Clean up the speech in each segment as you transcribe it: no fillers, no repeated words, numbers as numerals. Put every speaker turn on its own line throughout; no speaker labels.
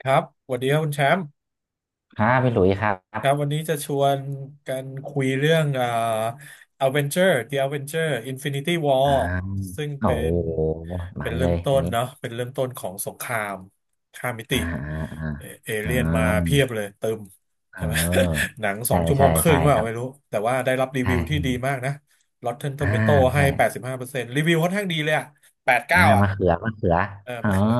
ครับสวัสดีครับคุณแชมป์
ครับพี่หลุยส์ครั
ครับวัน
บ
นี้จะชวนกันคุยเรื่องThe Avenger Infinity
อ่า
War ซึ่ง
โอ้
เป็
โห
น
หมั
เป็น
น
เริ่
เล
ม
ย
ต้
อัน
น
นี้
เนาะเป็นเริ่มต้นของสงครามข้ามมิติ
อ่าอ่าอ่า
เอเอ
อ่
เลี่ยนมาเพี
า
ยบเลยเติม
เ
ใช่ไหม
ออ
หนังสอ
ใช่
งชั่วโม
ใช่
งครึ่
ใช่
งเป
ค
ล่า
รับ
ไม่รู้ แต่ว่าได้รับรีวิวที่
ใช่
ดีมากนะ Rotten
อ่า
Tomato ให้
ใช่
85%รีวิวค่อนข้างดีเลยอะแปดสิบ
อ่า
เก้าอะ
มะเขือมะเขือ
เออ
อ๋อ
มะเขือ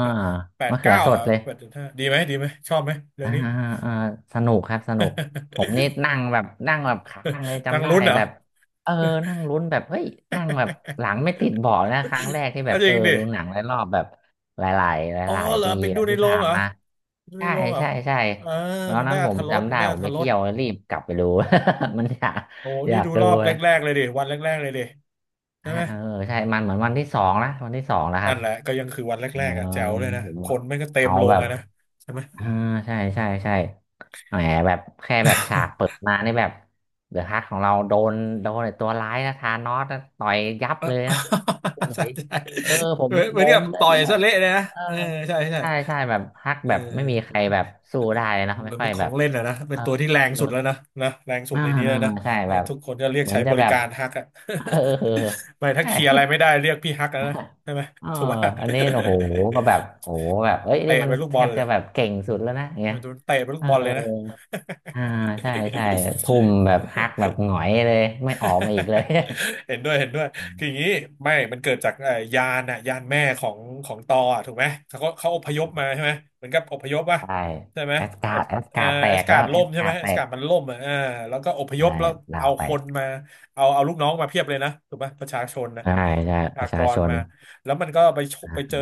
แปด
มะ
สิบ
เขือ
เก้า
สด
อะ
เลย
แปดสิบห้าดีไหมดีไหมชอบไหมเรื่อ
อ่า
งนี้
อ่าสนุกครับสนุกผมนี่ นั่งแบบค้างเลย
นาง
จำได้
ลุ้นเหรอ
แบบเออนั่งลุ้นแบบเฮ้ยนั่งแบบห ลังไม่ติดเบาะนะครั้งแรกที่แบ
อ่ะ
บ
จริ
เออ
งดิ
ดูหนังหลายรอบแบบหลายๆห
อ๋อ
ลาย
เหร
ๆ
อ
ปี
ไปดู
แล้ว
ใน
ที่
โรง
ผ่าน
เหรอ
มา
ดูใน
ใช่
โรงเหรอ
ใช่ใช่
เออ
ตอน
มัน
นั้
ได้
น
อ
ผ
รร
ม
ถรส
จำ
มั
ได้
นได้
ผ
อร
ม
รถ
ไป
ร
เที่
ส
ยวรีบกลับไปดู มันอยาก
โอ้นี่ดู
ดู
รอบ
เล
แร
ย
กๆเลยดิวันแรกๆเลยดิใช่
ฮะ
ไหม
เออใช่มันเหมือนวันที่สองนะวันที่สองแล้วครั
นั่
บ
นแหละก็ยังคือวัน
เออ
แรกๆอ่ะแจ๋วเลยนะ
ผม
คนไม่งก็เต็ม
เอา
โร
แบ
ง
บ
อะนะใช่ไหม
เออใช่ใช่ใช่แหมแบบแค่แบบฉากเปิด มานี่แบบเดอะฮักของเราโดนไอ้ตัวร้ายนะธานอสนะต่อยยับ
เออ
เลยนะพี่ห ลุ
ใช่
ย
ใช่
เออผม
เหมือนเห
ง
มือนกั
ง
บ
เล
ต่
ย
อย
แบ
ซะ
บ
เละเลยนะ
เออ
เออใช่ใช่
ใช่ใช่แบบฮัก
เอ
แบบไม่มีใคร
อ
แบบสู้ได้เลยนะ
เห
ไม่
มือน
ค่อ
เป็
ย
นข
แบ
อง
บ
เล่นอะนะ
เอ
เป็น
อ
ตัวที่แรง
เออ
สุดแล้วนะนะแรงสุด
อ่า
ในนี้
อ่า
แล้วนะ
ใช่
เออ
แบบ
ทุกคนก็เรียก
เหมือ
ใช้
นจะ
บริ
แบบ
การฮักอะ
เออเออ
ไม่ถ้า
ใช่
เคลียร์อะไรไม่ได้เรียกพี่ฮักแล้วนะ ใช่ไหม
เออ
ถูกว่า
อันนี้โอ้โหก็แบบโอ้โหแบบเอ้ ย
เตะ
นี่มัน
เป็นลูก
แท
บอล
บ
เล
จะ
ย
แบบเก่งสุดแล้วนะอย่าง
เอ
เงี้
อ
ย
โดนเตะเป็นลู
เอ
ก
อ
บอลเลยนะ
อ่าใช่ใช่ทุ่มแบบฮักแบบ หงอยเลยไม่ออกมาอีกเลย
เห็นด้วยเห็นด้วย
อืม
คืออย่างนี้ไม่มันเกิดจากยานอะยานแม่ของตออะถูกไหมเขาอพยพมาใช่ไหมเหมือนกับอพยพวะ
ใช่
ใช่ไหม
แอสกา
อ
ร์
บ
ดแอส
เอ่อ
การ์ดแต
อา
ก
กา
แล้
ศ
วแอ
ล่ม
ส
ใช่
กา
ไหม
ร์ดแต
อา
ก
กาศมันล่มอ่ะแล้วก็อพยพ
ใช่
แล้ว
ลา
เอา
วแต
ค
ก
นมาเอาลูกน้องมาเพียบเลยนะถูกไหมประชาชนนะ
ใช่ใช่
ประ
ป
ชา
ระ
ก
ชา
ร
ชน
มาแล้วมันก็ไปชกไปเจอ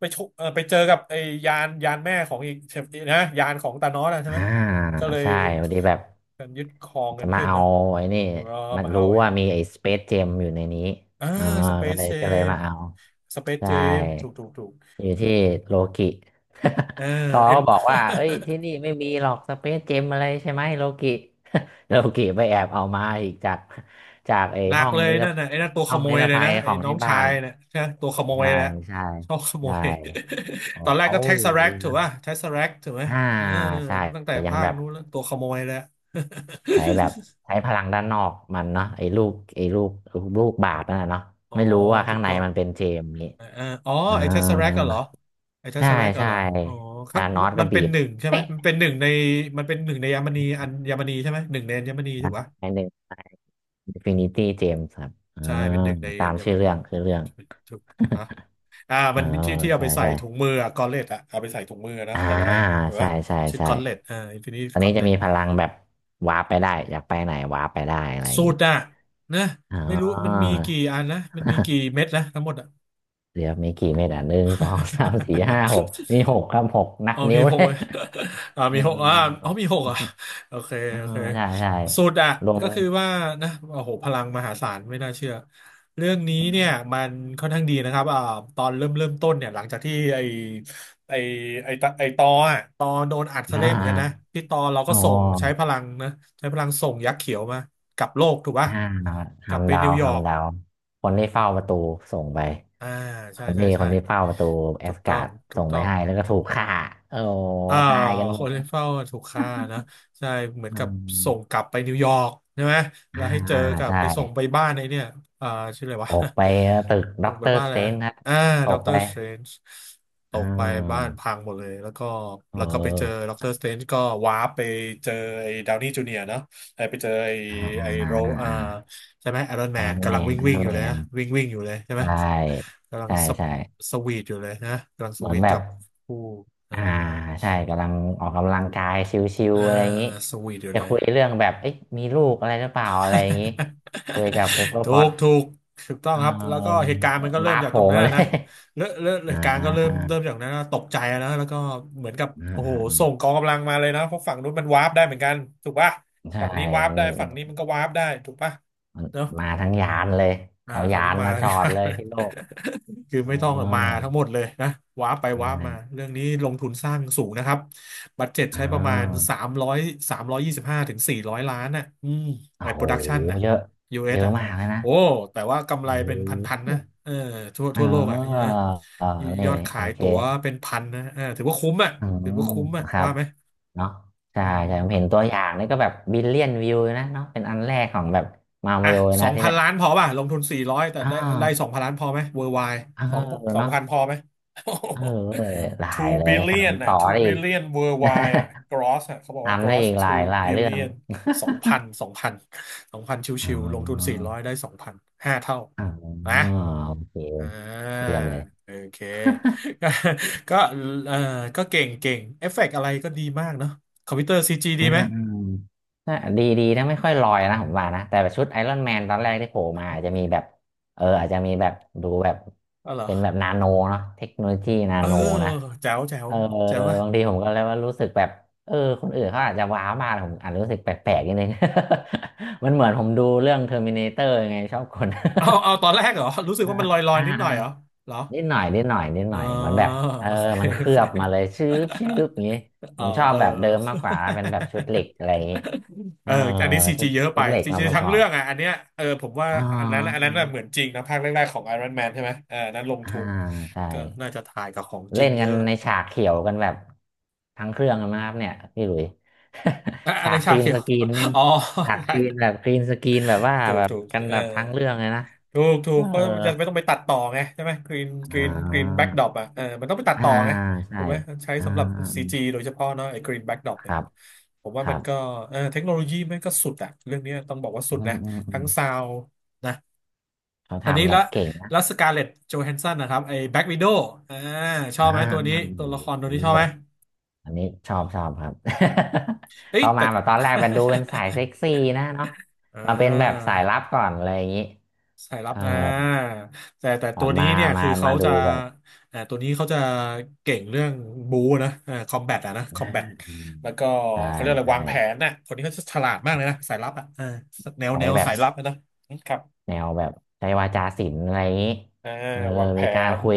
ไปชกเออไปเจอกับไอ้ยานแม่ของอีกใช่นะยานของตานอสอะใช่ไห
อ่า
มก็เลย
ใช่พอดีแบบ
การยึดครองกั
จะ
น
มา
ขึ้น
เอา
เนอะ
ไอ้นี่
ก็
มัน
มา
รู้
เอาไอ้
ว่า
นี่
มีไอ้สเปซเจมอยู่ในนี้
อ่า
อ่า
สเป
ก็
ซ
เลย
เจ
ก็เลย
ม
มาเอา
สเปซเจ
ใช่
มถูก
อยู่ที่โลกิ
เออ
ทอ
ไอ้
ก็บอกว่าเอ้ ยที่นี่ไม่มีหรอกสเปซเจมอะไรใช่ไหมโลกิ โลกิไปแอบเอามาอีกจากไอ้
หนักเลยนั่นน่ะไอ้นั่นตัวข
ห้อง
โม
นิ
ย
ร
เลย
ภั
นะ
ยข
ไอ้
อง
น้อ
ที่
ง
บ้า
ชา
น
ยเนี่ยใช่ไหมตัวขโมย
ใช่
แล้ว
ใช่
ชอบขโม
ใช่
ย
บ
ตอ
อ
น
ก
แรก
เขา
ก็เท็กซัสแรกถูกป่ะเท็กซัสรกถูกไหม
อ่า
เออ
ใช่
ตั้งแต่
ยัง
ภา
แบ
ค
บ
นู้นแล้วตัวขโมยแล้ว
ใช้แบบใช้พลังด้านนอกมันเนาะไอ้ลูกบาศก์นั่นน่ะเนาะ
อ๋อ
ไม่รู้ว่า
ถู
ข้าง
ก
ใน
ต้อง
มันเป็นเจมส์นี้
อ่าอาอ๋อ
อ่า
ไอ้ Tesseract อะเหรอไอ้
ใช่
Tesseract อะ
ใช่
เหรออ๋อครั
ธา
บ
นอ
มัน
สก็
มัน
บี
เป็น
บ
หนึ่งใช่ไหม
เป๊ะ
มันเป็นหนึ่งในมันเป็นหนึ่งในอัญมณีใช่ไหมหนึ่งในอัญมณีถู
นะ
กปะ
ไอ้หนึ่งไอ้อินฟินิตี้เจมส์ครับอ่า
ใช่เป็นหนึ่งใน
ตา
อั
ม
ญม
ชื่อ
ณี
เรื่องคือเรื่อง
ถูกฮะอ่า
เอ
มั
อ
นที่ที่เอา
ใช่
ไปใส่
ใช่
ถุงมืออะกอลเลตอะเอาไปใส่ถุงมือนะ
อ่า
แต่ละอันถูก
ใช่
ปะ
ใช่
ชื่อ
ใช่
กอลเลตอ่าอินฟินิตี้
ตอน
กอ
นี้
ลเล
จะ
ต
มีพลังแบบวาร์ปไปได้อยากไปไหนวาร์ปไปได้อะไรอย่า
สู
ง
ต
นี้
รอะนะ
อ๋อ
ไม่รู้มันมีกี่อันนะมันมีกี่เม็ดนะทั้งหมดอะ
เดี๋ยวมีกี่เม็ดอ่ะหนึ่งสองสามสี่ห้าหก มีหกครับหกนับ
เอา
นิ้
มี
ว
ห
เล
ก
ย
เว้ย อ่า
เอ
มีหกอ่า
อ
เอามีหกอ่ะโอเค
เออ
โอเค
ใช่ใช่
สุดอ่ะ
รวม
ก็คือว่านะโอ้โหพลังมหาศาลไม่น่าเชื่อเรื่องนี้เนี่ยมันค่อนข้างดีนะครับอ่าตอนเริ่มต้นเนี่ยหลังจากที่ไอไอตออ่ะตอโดนอัดซะ
อ่า
เละเหมือนกันนะพี่ตอเราก็
อ๋อ
ส่งใช้พลังนะใช้พลังส่งยักษ์เขียวมากลับโลกถูกป่ะ
ห้า
กลับไป
ทำดา
นิ
ว
วยอร์ก
ทำดาวคนที่เฝ้าประตูส่งไป
อ่า
ค
ใช่
น
ใช่
ที่ค
ใช่
นที่เฝ้าประตูแอ
ถู
ส
กต้
กา
อง
ร์ด
ถู
ส่
ก
งไป
ต้อง
ให้แล้วก็ถูกฆ่าโอ้
อ่า
ตายกันห
ค
ม
นที่
ด
เฝ้าถูกฆ่านะใช่เหมือน
อื
กับส่งก
ม
ลับไปนิวยอร์กใช่ไหม
อ่า
แล้วให้เจอกับ
ใช่
ไปส่งไปบ้านไอ้เนี่ยอ่าชื่ออะไรวะ
ตกไปตึก ด็
ส่
อ
ง
ก
ไป
เตอร์
บ้าน
ส
อะไร
เตร
นะ
นจ์ครับ
อ่า
ต
ด็อก
ก
เตอ
ไป
ร์สเตรนจ์ต
อ่
กไปบ้าน
า
พังหมดเลยแล้วก็
เอ
แล้วก็ไปเจอ
อ
ด็อกเตอร์สเตรนจ์ก็วาร์ปไปเจอไอ้ดาวนี่จูเนียร์เนาะไอ้ไปเจอไอ้
อ่าอ่
ไอ้
า
โรอ่า
อ่า
ใช่ไหมไอรอน
ไอ
แม
ร
น
อนแม
กำลัง
น
วิ่ง
ไอ
วิ่
ร
ง
อ
อ
น
ยู่
แม
เลยนะ
น
วิ่งวิ่งอยู่เลยใช่ไห
ใช
ม
่
กำลัง
ใช่ใช่
สวีทอยู่เลยนะกำลังส
เหมือ
วี
น
ท
แบ
กั
บ
บผู้
อ่าใช่กำลังออกกำลังกายชิว
อ่า
ๆอะไรอย่างนี้
สวีทอยู่
จะ
เลย
คุยเรื่องแบบเอ๊ะมีลูกอะไรหรือเปล่าอะไรอย่างนี้คุยกับเปเปอ ร์
ถู
พอต
กถูกถูกต้อง
เ
ครับแล้วก็
ออ
เหตุการณ์มันก็เริ่ม
ว้าร์ป
จา
โผ
กตร
ล่
งนั้น
มา
อะ
เล
นะ
ย
เริ่มเริ่มเห
อ่า
ตุการ ณ์
อ่า
ก็เริ่
อ่
มเริ่มจากนั้นนะตกใจอะนะแล้วก็เหมือนกับ
า
โอ้โห
อ่า
ส่งกองกำลังมาเลยนะเพราะฝั่งนู้นมันวาร์ปได้เหมือนกันถูกป่ะ
ใช่
ฝั่งนี้วาร์
มั
ป
น
ได้ฝั่งนี้มันก็วาร์ปได้ถูกป่ะ
มัน
เนอะ
มาทั้งยานเลย
อ่า
เอา
ครา
ยา
วนี้
น
มา
มา จ
เลย
อดเลยที่โลก
คือ
อ๋อ
ไม่ต้องมาทั้งหมดเลยนะว้าร์ปไป
ใช่
ว้าร์ปมาเรื่องนี้ลงทุนสร้างสูงนะครับบัดเจ็ต
อ่
ใช้ประมาณ
า
สามร้อย325 ถึง 400 ล้านน่ะอืม
โอ้
ไอ้โป
โห
รดักชันน่ะ
เยอะเย
US อส
อะ
อ่ะ
มากเลยนะ
โอ้แต่ว่ากำไร
โอ้
เป็นพันๆ
โห
นะเออทั่ว
อ๋อ
ทั่วโลกอ่ะนะ
อ๋อ
ย
นี่
อดขา
โอ
ย
เค
ตั๋วเป็นพันนะเออถือว่าคุ้มอ่ะ
อื
ถือว่า
ม
คุ้มอ่ะ
ครั
ว่า
บ
ไหม
เนาะใช่
อื
ใช่ผม
ม
เห็นตัวอย่างนี่ก็แบบบิลเลียนวิวนะเนาะเป็นอันแรกของแบบ มา
อ่ะ
วิโอ
สอ
นะ
ง
ที่
พัน
แบบ
ล้านพอป่ะลงทุนสี่ร้อยแต่
อ๋อ
ได้สองพันล้านพอไหมเวอร์ไว
เออ
สองสอง
เนาะ
พันพอไหม
เออหลา ย
two
เลย
billion
ทำ
น่ะ
ต่อ
two
ได้อีก
billion worldwide อ่ะ gross อ่ะเขาบอ กว่า
ทำได้
gross
อีกหลา
two
ยหลายเรื่อง
billion สองพันสองพัน
อ๋
ชิวๆลงทุน
อ
สี่ร้อยได้สองพันห้าเท่า
อ๋อ
นะ
โอเค
อ่า
เตรียมเลย
โอเค ก็ก็เออก็เก่งเอฟเฟกต์อะไรก็ดีมากเนาะคอมพิวเตอร์ซีจีดีไหม
อืมน่าดีดีนะไม่ค่อยลอยนะผมว่านะ แต่แบบชุดไอรอนแมนตอนแรกที่โผล่มาอาจจะมีแบบเอออาจจะมีแบบดูแบบ
อ๋อเหรอ
เป็นแบบนาโนเนาะเทคโนโลยีนา
เออ
โนนะ
แจ๋วแจ๋ว
เออ
แจ๋วอะ
บางทีผมก็เลยว่ารู้สึกแบบเออคนอื่นเขาอาจจะว้าวมากแต่ผมอาจจะรู้สึกแปลกๆนิดนึง มันเหมือนผมดูเรื่องเทอร์มินาเตอร์ไงชอบคน
เอาเอาตอนแรกเหรอรู้สึก
อ่า
ว่ามันลอยลอย
อ่า
นิดหน่อยเหรอเหรอ
นิดหน่อยนิดหน่อยนิดห
อ๋อ
น่อยเหมือนแบบเออ
โอเค
มันเค
โอ
ลื
เค
อบมาเลยชืบชืบอย่างงี้ผ
อ๋อ
มชอบ
เออ
แบบ
เอ
เดิมมากกว่า
อ
เป็นแบบชุดเหล็กอะไรอย่างงี้เอ
เอ
อ
ออันนี้ซี
ชุ
จี
ด
เยอะ
ชุ
ไป
ดเหล็ก
ซี
มา
จี
ประก
ทั้ง
อ
เรื่
บ
องอ่ะอันเนี้ยเออผมว่า
อ๋อ
อันนั้นน่ะเหมื
ใช่
อนจริงนะภาคแรกๆของ Iron Man ใช่ไหมเอออันนั้นลง
อ่า
ทุน
ใช่
ก็น่าจะถ่ายกับของจ
เล่
ริง
น
เย
กัน
อะ
ในฉา
อ
กเขียวกันแบบทั้งเครื่องกันมากครับเนี่ยพี่หลุย
ะ อัน
ฉา
ใน
กก
ชา
รีน
เขีย
ส
ว
กรีนนี่
อ๋อ
ฉากก
ใช่
รีนแบบกรีนสกรีนแบบว่า
ถูก
แบบ
ถูก
กัน
เออ
แบบทั้งเรื่องเลยนะ
ถูกถู
เออ
กก็มันจะไม่ต้องไปตัดต่อไงใช่ไหมกรีนก
อ่
รีนกรีน
า
แบ็กดรอปอ่ะเออมันต้องไปตัด
อ่า
ต่อไงถู
ใช่
กไหมใช้
อ่า
สำหรับซีจีโดยเฉพาะเนาะไอ้กรีนแบ็กดรอป
ค
เนี่ย
รับ
ผม
ค
ว่า
รั
มัน
บ
ก็เออเทคโนโลยีมันก็สุดอ่ะเรื่องนี้ต้องบอกว่าสุ
อื
ดนะ
มอืมอื
ทั้
ม
งซาวนะ
เขา
อันนี้
ทำแบ
ละ
บเก่งนะ
แล้วสกาเล ตโจแฮนสันนะครับไอ้แบ็กวิโดว์อ่าชอบ
อ่า
ไหมตัว
อื
นี้
ม
ตัวละครตัว
โอ้
นี้ชอบ
โห
ไหม
อันนี้ชอบชอบครับ
เฮ้ย
เขา
แต่
มาแบบตอนแรกมันดูเป็นสายเซ็ก ซี่นะเนาะ
อ่
มาเป็นแบบสายลั
า
บก่อนอะไรอย่างนี้
สายลั
เอ
บ
อ
อ่าแต่
แบ
ตั
บ
วนี้
มา
เนี่ยคือเขา
ดู
จะ
แบบ
อ่าตัวนี้เขาจะเก่งเรื่องบูนะอ่าคอมแบทอะนะค
อ่า
อมแบท
อืม
แล้วก็
ใช่
เขาเรียกอะไร
ใช่
วางแผนนะคนนี้เขาจะฉลาดมากเลยนะสายลับอะอ่าแนว
ใช้
แนว
แบบ
สายลับอะนะครับ
แนวแบบใช้วาจาศิลป์อะไรอย่างนี้
อ่า
เออ
วางแผ
มีการ
น
คุย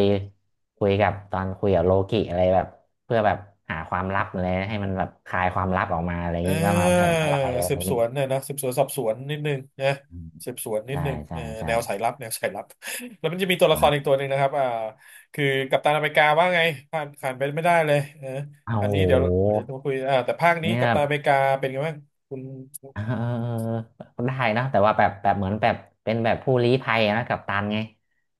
คุยกับตอนคุยกับโลกิอะไรแบบเพื่อแบบหาความลับอะไรให้มันแบบคลายความลับออกมาอะไรอย่างนี้
เ่
ว่ามาแผ
า
นอะไรอะไร
สื
อ
บ
ย่าง
ส
นี้
วนเนี่ยนะสืบสวนสอบสวนนิดนึงนะ
อืม
สืบสวนนิด
ใช่
นึง
ใช่
เออ
ใช่
แนวสายลับแนวสายลับ แล้วมันจะมีตัวละครอีกตั
อา
วหนึ่งนะครับอ่าคือกัปตันอเมริกาว่าไงผ่านไปไม่ได้เลยเออ
โอ้
อั
โ
นนี้เดี๋ยวเดี๋ยว
ห
มาคุยอ่าแต่ภาคนี้
เนี่
กั
ย
ปตันอเมริกาเป็นไงบ้างคุณ
เออ ได้นะแต่ว่าแบบแบบเหมือนแบบเป็นแบบผู้ลี้ภัยนะกัปตันไง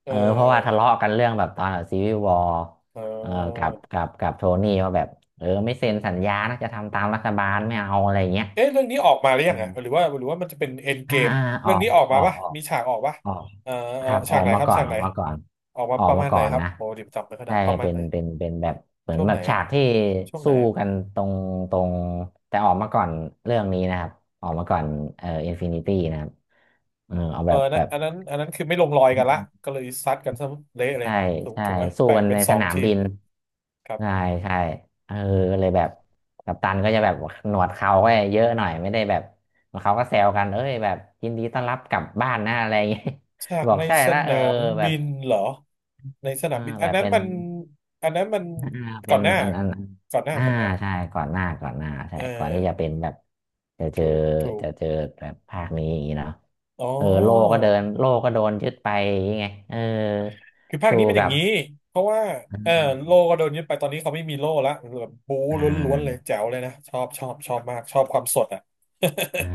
เ
เออเพราะว่า
ออ
ทะเลาะกันเรื่องแบบตอนแบบซีวิววอร์
เอ
เออกั
อ
บกับกับโทนี่ว่าแบบเออไม่เซ็นสัญญานะจะทำตามรัฐบาลไม่เอาอะไรอย่างเงี้ย
เอ๊ะเรื่องนี้ออกมาหรือยั
อื
งอ่ะหรือ
ม
ว่าหรือว่ามันจะเป็นเอ็นเก
อ่า
ม
อ่าอ
เรื่อ
อ
ง
ก
นี้ออก
อ
มา
อก
ปะ
ออก
มีฉากออกปะ
ออก
เออเอ
ค
อ
รับอ
ฉา
อ
ก
ก
ไหน
มา
ครับ
ก่อน
ฉาก
อ
ไหน
อกมาก่อน
ออกมา
ออ
ป
ก
ระ
มา
มาณไห
ก่
น
อน
ครับ
นะ
โอ้ดิบจำไม่ค่อยได้
ใช่
ประมาณ
เป็น
ไหน
เป็นเป็นแบบเหมือน
ช่วง
แบ
ไหน
บฉา
อะ
กที่
ช่วงไห
สู้
น
กันตรงตรงแต่ออกมาก่อนเรื่องนี้นะครับออกมาก่อนอินฟินิตี้นะครับเออเอา
เอ
แบ
อ
บ
นะ
แบบ
อันนั้นคือไม่ลงรอยกันละก็เลยซัดกันซะเละเลย
ใช่
ถูก
ใช่
ถูกไหม
สู้
แบ่ง
กัน
เป็น
ใน
ส
ส
อง
นาม
ทีม
บิน
ครับ
ใช่ใช่เออก็เลยแบบกัปตันก็จะแบบหนวดเขาก็เยอะหน่อยไม่ได้แบบเขาก็แซวกันเอ้ยแบบยินดีต้อนรับกลับบ้านนะอะไรอย่างเงี้ย
ฉาก
บอก
ใน
ใช่
ส
ละเอ
นา
อ
ม
แบ
บิ
บ
นเหรอในสนา
อ่า
มบิน
แบ
อัน
บ
นั้น
เป็น
มันอันนั้นมัน
อ่า
ก่
เป็
อ
น
นหน้า
อัน
ก่อนหน้า
อ่า
ก่อนหน้า
ใช่ก่อนหน้าก่อนหน้าใช่
เออ
ก่อนที่จะเป็นแบบจะเจอ
ถูก
จะเจอแบบภาคนี้อย่างนี้เนาะ
อ๋อ
เออโลก็เดินโลก็โดนยึดไปอย่างงี้ไงเออ
คือภาค
สู้
นี้มันอย่า
กั
ง
บ
นี้เพราะว่า
อื
เออโล่ก็
ม
โดนยึดไปตอนนี้เขาไม่มีโล่ละแบบบู๊
อ่
ล้วนๆเลย
า
แจ๋วเลยนะชอบมากชอบความสดอ่ะ
อ่า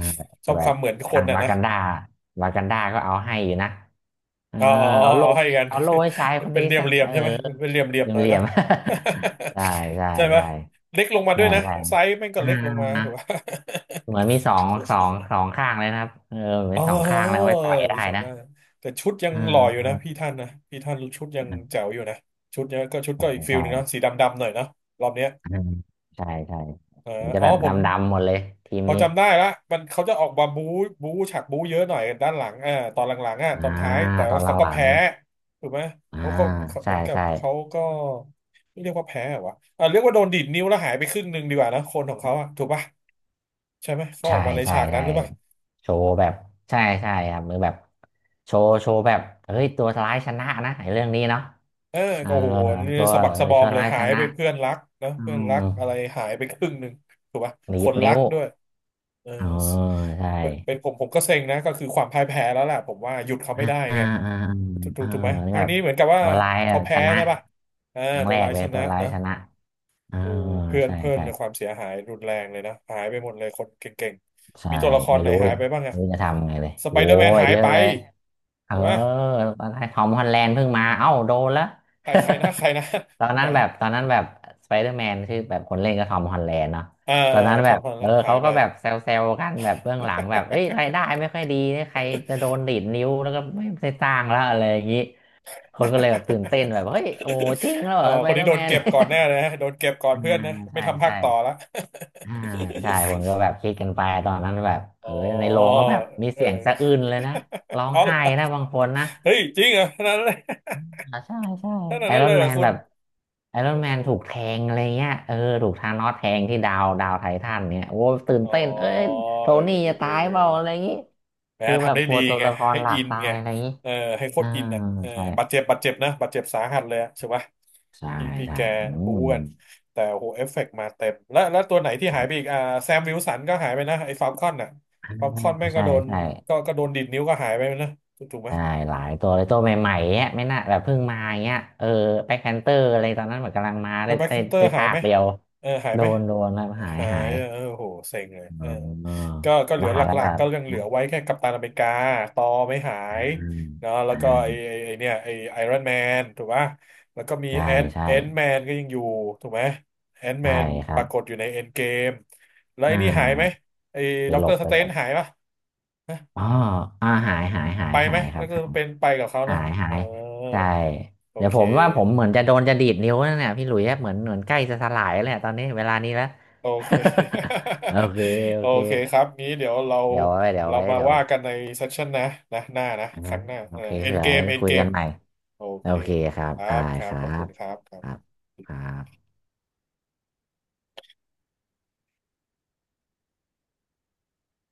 ช
แต่
อบ
แบ
ควา
บ
มเหมือนค
ทา
น
ง
อ่ะ
วา
นะ
กันดาวากันดาก็เอาให้อยู่นะเออ
อ๋ออ๋อ
เอาโล่
เอาให้
ให้
กัน
เอาโล่ให้ชายคน
เป็น
นี้
เหลี่ยม
ซะ
เหลี่ยม
เออ
ใช่ไหม เป็นเหลี่ยมเหลี่ยมหน่อ
เห
ย
ลี่ย
เนาะ
มๆ ใช่ใช่
ใช่ไหม
ใช่
เล็กลงมาด้ว
ใช่
ยนะ
ใช่
ไซส์แม่งก็
อ่า
เล็กลงมาถูกป่ะ
เหมือนมีสองข้างเลยนะครับเออมี
อ๋
สองข้าง
อ
แล้วไว้ต่อยได้
มีสองห
นะ
น้าแต่ชุดยั
เ
งหล่ออยู่นะ
ออ
พี่ท่านชุดยังแจ๋วอยู่นะชุดเนี้ยก็ชุดก็อีก
ใช่
ฟิล
ใช่
หนึงเนาะสีดำๆหน่อยเนาะรอบเนี้ย
อืมใช่ใช่
เออ
มันจะ
อ๋อ
แบบ
ผม
ดำดำหมดเลยทีม
พอ
นี้
จำได้ละมันเขาจะออกมาบู๊บู๊ฉากบู๊เยอะหน่อยด้านหลังอ่าตอนหลังๆอ่ะ
อ่า
ตอนท้ายแต่
ตอ
ว่า
นหล
เขาก็
ัง
แพ้ถูกไหม
ๆอ่า
เขาก็เห
ใช่
มือนกับ
ใช่
เขาก็ไม่เรียกว่าแพ้เหรอวะอ่าเรียกว่าโดนดีดนิ้วแล้วหายไปครึ่งหนึ่งดีกว่านะคนของเขาอ่ะถูกปะใช่ไหมเขาอ
ใช่
อกมาใน
ใช่
ฉากนั้น
ใช่
หรือเปล่า
โชว์แบบใช่ใช่ครับมือแบบโชว์โชว์แบบเฮ้ยตัวร้ายชนะนะไอ้เรื่องนี้เนาะ
เออ
เออ
ก็โหนี่
ตัว
สะบัก
เออ
สะบอ
ตั
ม
ว
เลย
ร้ายช
หาย
นะ
ไปเพื่อนรักนอะ
อื
เพื่อ
ม
นรักอะไรหายไปครึ่งหนึ่งถูกปะ
ดี
ค
ด
นรั
นิ้ว
กด้วยเออ
เออใช่
เป็นผมก็เซ็งนะก็คือความพ่ายแพ้แล้วแหละผมว่าหยุดเขาไม่ได้
อ่าอ่า
ไง
อ่า
ถูกถู
เอ
ก
อ
ถูกไหมค
นี่
รั้
แบ
ง
บ
นี้เหมือนกับว่า
ตัวร้ายแบ
เขา
บช
แพ้
นะ
ใช่ป่ะเออ
ครั้ง
ตั
แร
ว
ก
ร้าย
เล
ช
ยตั
นะ
วร้าย
นะ
ชนะเออ
โอ้เพื่อน
ใช่
เพื่อน
ใช่
ในยความเสียหายรุนแรงเลยนะหายไปหมดเลยคนเก่งๆ
ใช่
มีตัวละคร
ไม่
ไหน
รู้เล
หาย
ย
ไปบ้าง
ไม่
อะ
รู้จะทำไงเลย
สไป
โอ้
เดอร์แมน
ย
หาย
เยอะ
ไป
เลยเออ
ถูกปะ
ตอนแรกทอมฮอลแลนด์เพิ่งมาเอ้าโดนแล้ว
ใครใครนะใครนะ
ตอ
ค
น
น
นั้
ไหน
นแบบตอนนั้นแบบสไปเดอร์แมนชื่อแบบคนเล่นก็ทอมฮอลแลนด์เนาะ
อ่า
ตอนนั้น
ท
แบ
อม
บ
ฮอลแล
เออ
นด์หา
เขา
ยไป
ก็แบบแซวๆกันแบบเบื้องหลังแบบเอ้ยรายได้ไม่ค่อยดีเนี่ยใครจะโดนดีดนิ้วแล้วก็ไม่ได้สร้างแล้วอะไรอย่างนี้ คนก็เลยแบบตื่นเต้นแบบเฮ้ยโอ้จริงแล้วเห
เอ
ร
อ
อส
ค
ไป
น
เด
นี้
อร์
โด
แม
น
น
เก็บก่อนแน่เลยนะโดนเก็บก่อ น
อ่า
เพื่อนนะไม่
ใช่
ทำภา
ใช่
คต่อละ
อ่าใช่คนก็ แบบคิดกันไปตอนนั้นแบบเอ
อ๋
อในโร
อ
งก็แบบมี
เออ
เสียงสะอื้นเลยนะร้อ ง
เอา
ไห้
ล่ะ
นะบางคนนะ
เฮ้ยจริงเหรอขนาดนั้นเลย
อ่าใช่ใช่
ขนาด
ไอ
นั้
ร
น
อ
เล
น
ยเหร
แม
อ
น
คุ
แบ
ณ
บไอรอน
โอ้
แม
โห
นถูกแทงอะไรเงี้ยเออถูกธานอสแทงที่ดาวดาวไททันเนี่ยโอ้ตื่น
อ๋อ
เต้นเอ้ยโท
เออ
นี่
เออ
จะ
เอ
ตา
อ
ย
เอ
เปล่าอะไรอ
อ
ย่างงี้
นะ
คือแบ
ทำ
บ
ได้
กลั
ดี
วตัว
ไง
ละคร
ให้
หลั
อิ
ก
น
ตา
ไง
ยอะไรอย่างงี้
เออให้โค
อ่า
ตรอินอ่ะเออ
ใช่
บาดเจ็บนะบาดเจ็บสาหัสเลยอะใช่ปะ
ใช่
พี่
ใช่
แก
อื
บู๊
ม
กันแต่โอ้โหเอฟเฟกต์มาเต็มแล้วแล้วตัวไหนที่หายไปอีกอ่าแซมวิลสันก็หายไปนะไอ้ฟาลคอนอ่ะ
อ่า
ฟาลคอนแม่งก็
ใช่
โดน
ใช่
ก็โดนดิดนิ้วก็หายไปนะถูกไหม
ใช่หลายตัวเลยตัวใหม่ๆเนี้ยไม่น่าแบบเพิ่งมาเงี้ยเออแบ็คแพนเตอร์อะไรตอนนั้นเหมือนกำลังมา
แล้
ได้
วแบ็ค
ได้
ซินเตอร์
ได้
หาย
ภา
ไห
ค
ม
เดียว
เออหาย
โด
ไหม
นโดนแล้วหาย
หา
หา
ย
ย
เออโหเซ็งเลยเอ
อ๋อ
อก็เหลือ
ว่า
ห
แล้ว
ลั
แบ
กๆ
บ
ก็ยังเหลือไว้แค่กัปตันอเมริกาตอไม่หา
อ่า
ยเนาะแล้วก็ไอ
อ่า
ไอไอเนี่ยไอไอรอนแมนถูกป่ะแล้วก็มี
ใช่
แอน
ใช่
แอนแมนก็ยังอยู่ถูกไหมแอนแม
ใช่
น
ค
ป
รับ
รากฏอยู่ในเอ็นเกมแล้วไอ
อ่า
นี่หายไห
แบ
ม
บ
ไอ
ไป
ด็อก
หล
เตอ
บ
ร์ส
ไป
เต
หล
น
บ
หายป่ะฮะ
อ๋ออ่าหายหายหา
ไป
ย
ไหม
หายค
แล้
รั
วก็
บ
เป็นไปกับเขา
หา
นะ
ยหา
เอ
ย
อ
ใช่
โอ
เดี๋ยว
เค
ผมว่าผมเหมือนจะโดนจะดีดนิ้วนั่นแหละพี่หลุยส์เหมือนเหมือนใกล้จะสลายแล้วเนี่ยตอนนี้เวลานี้แล้ว
โอเค
โอเค โอ
โอ
เค
เคครับนี้เดี๋ยวเรา
เดี๋ยวไว้เดี๋ยว
เรา
ไว้
มา
เดี๋ยว
ว่ากันในเซสชันนะนะหน้านะ
อ่า
ครั้งหน้า
โอ
เออ
เค
เอ็น
เผื่อ
เกมเอ็น
คุ
เก
ยกั
ม
นใหม่
โอ
โอ
เค
เคครับ
ครั
ได้
บครั
ค
บ
รั
ขอบคุ
บ
ณครับครั
ครับ
บ
ครับ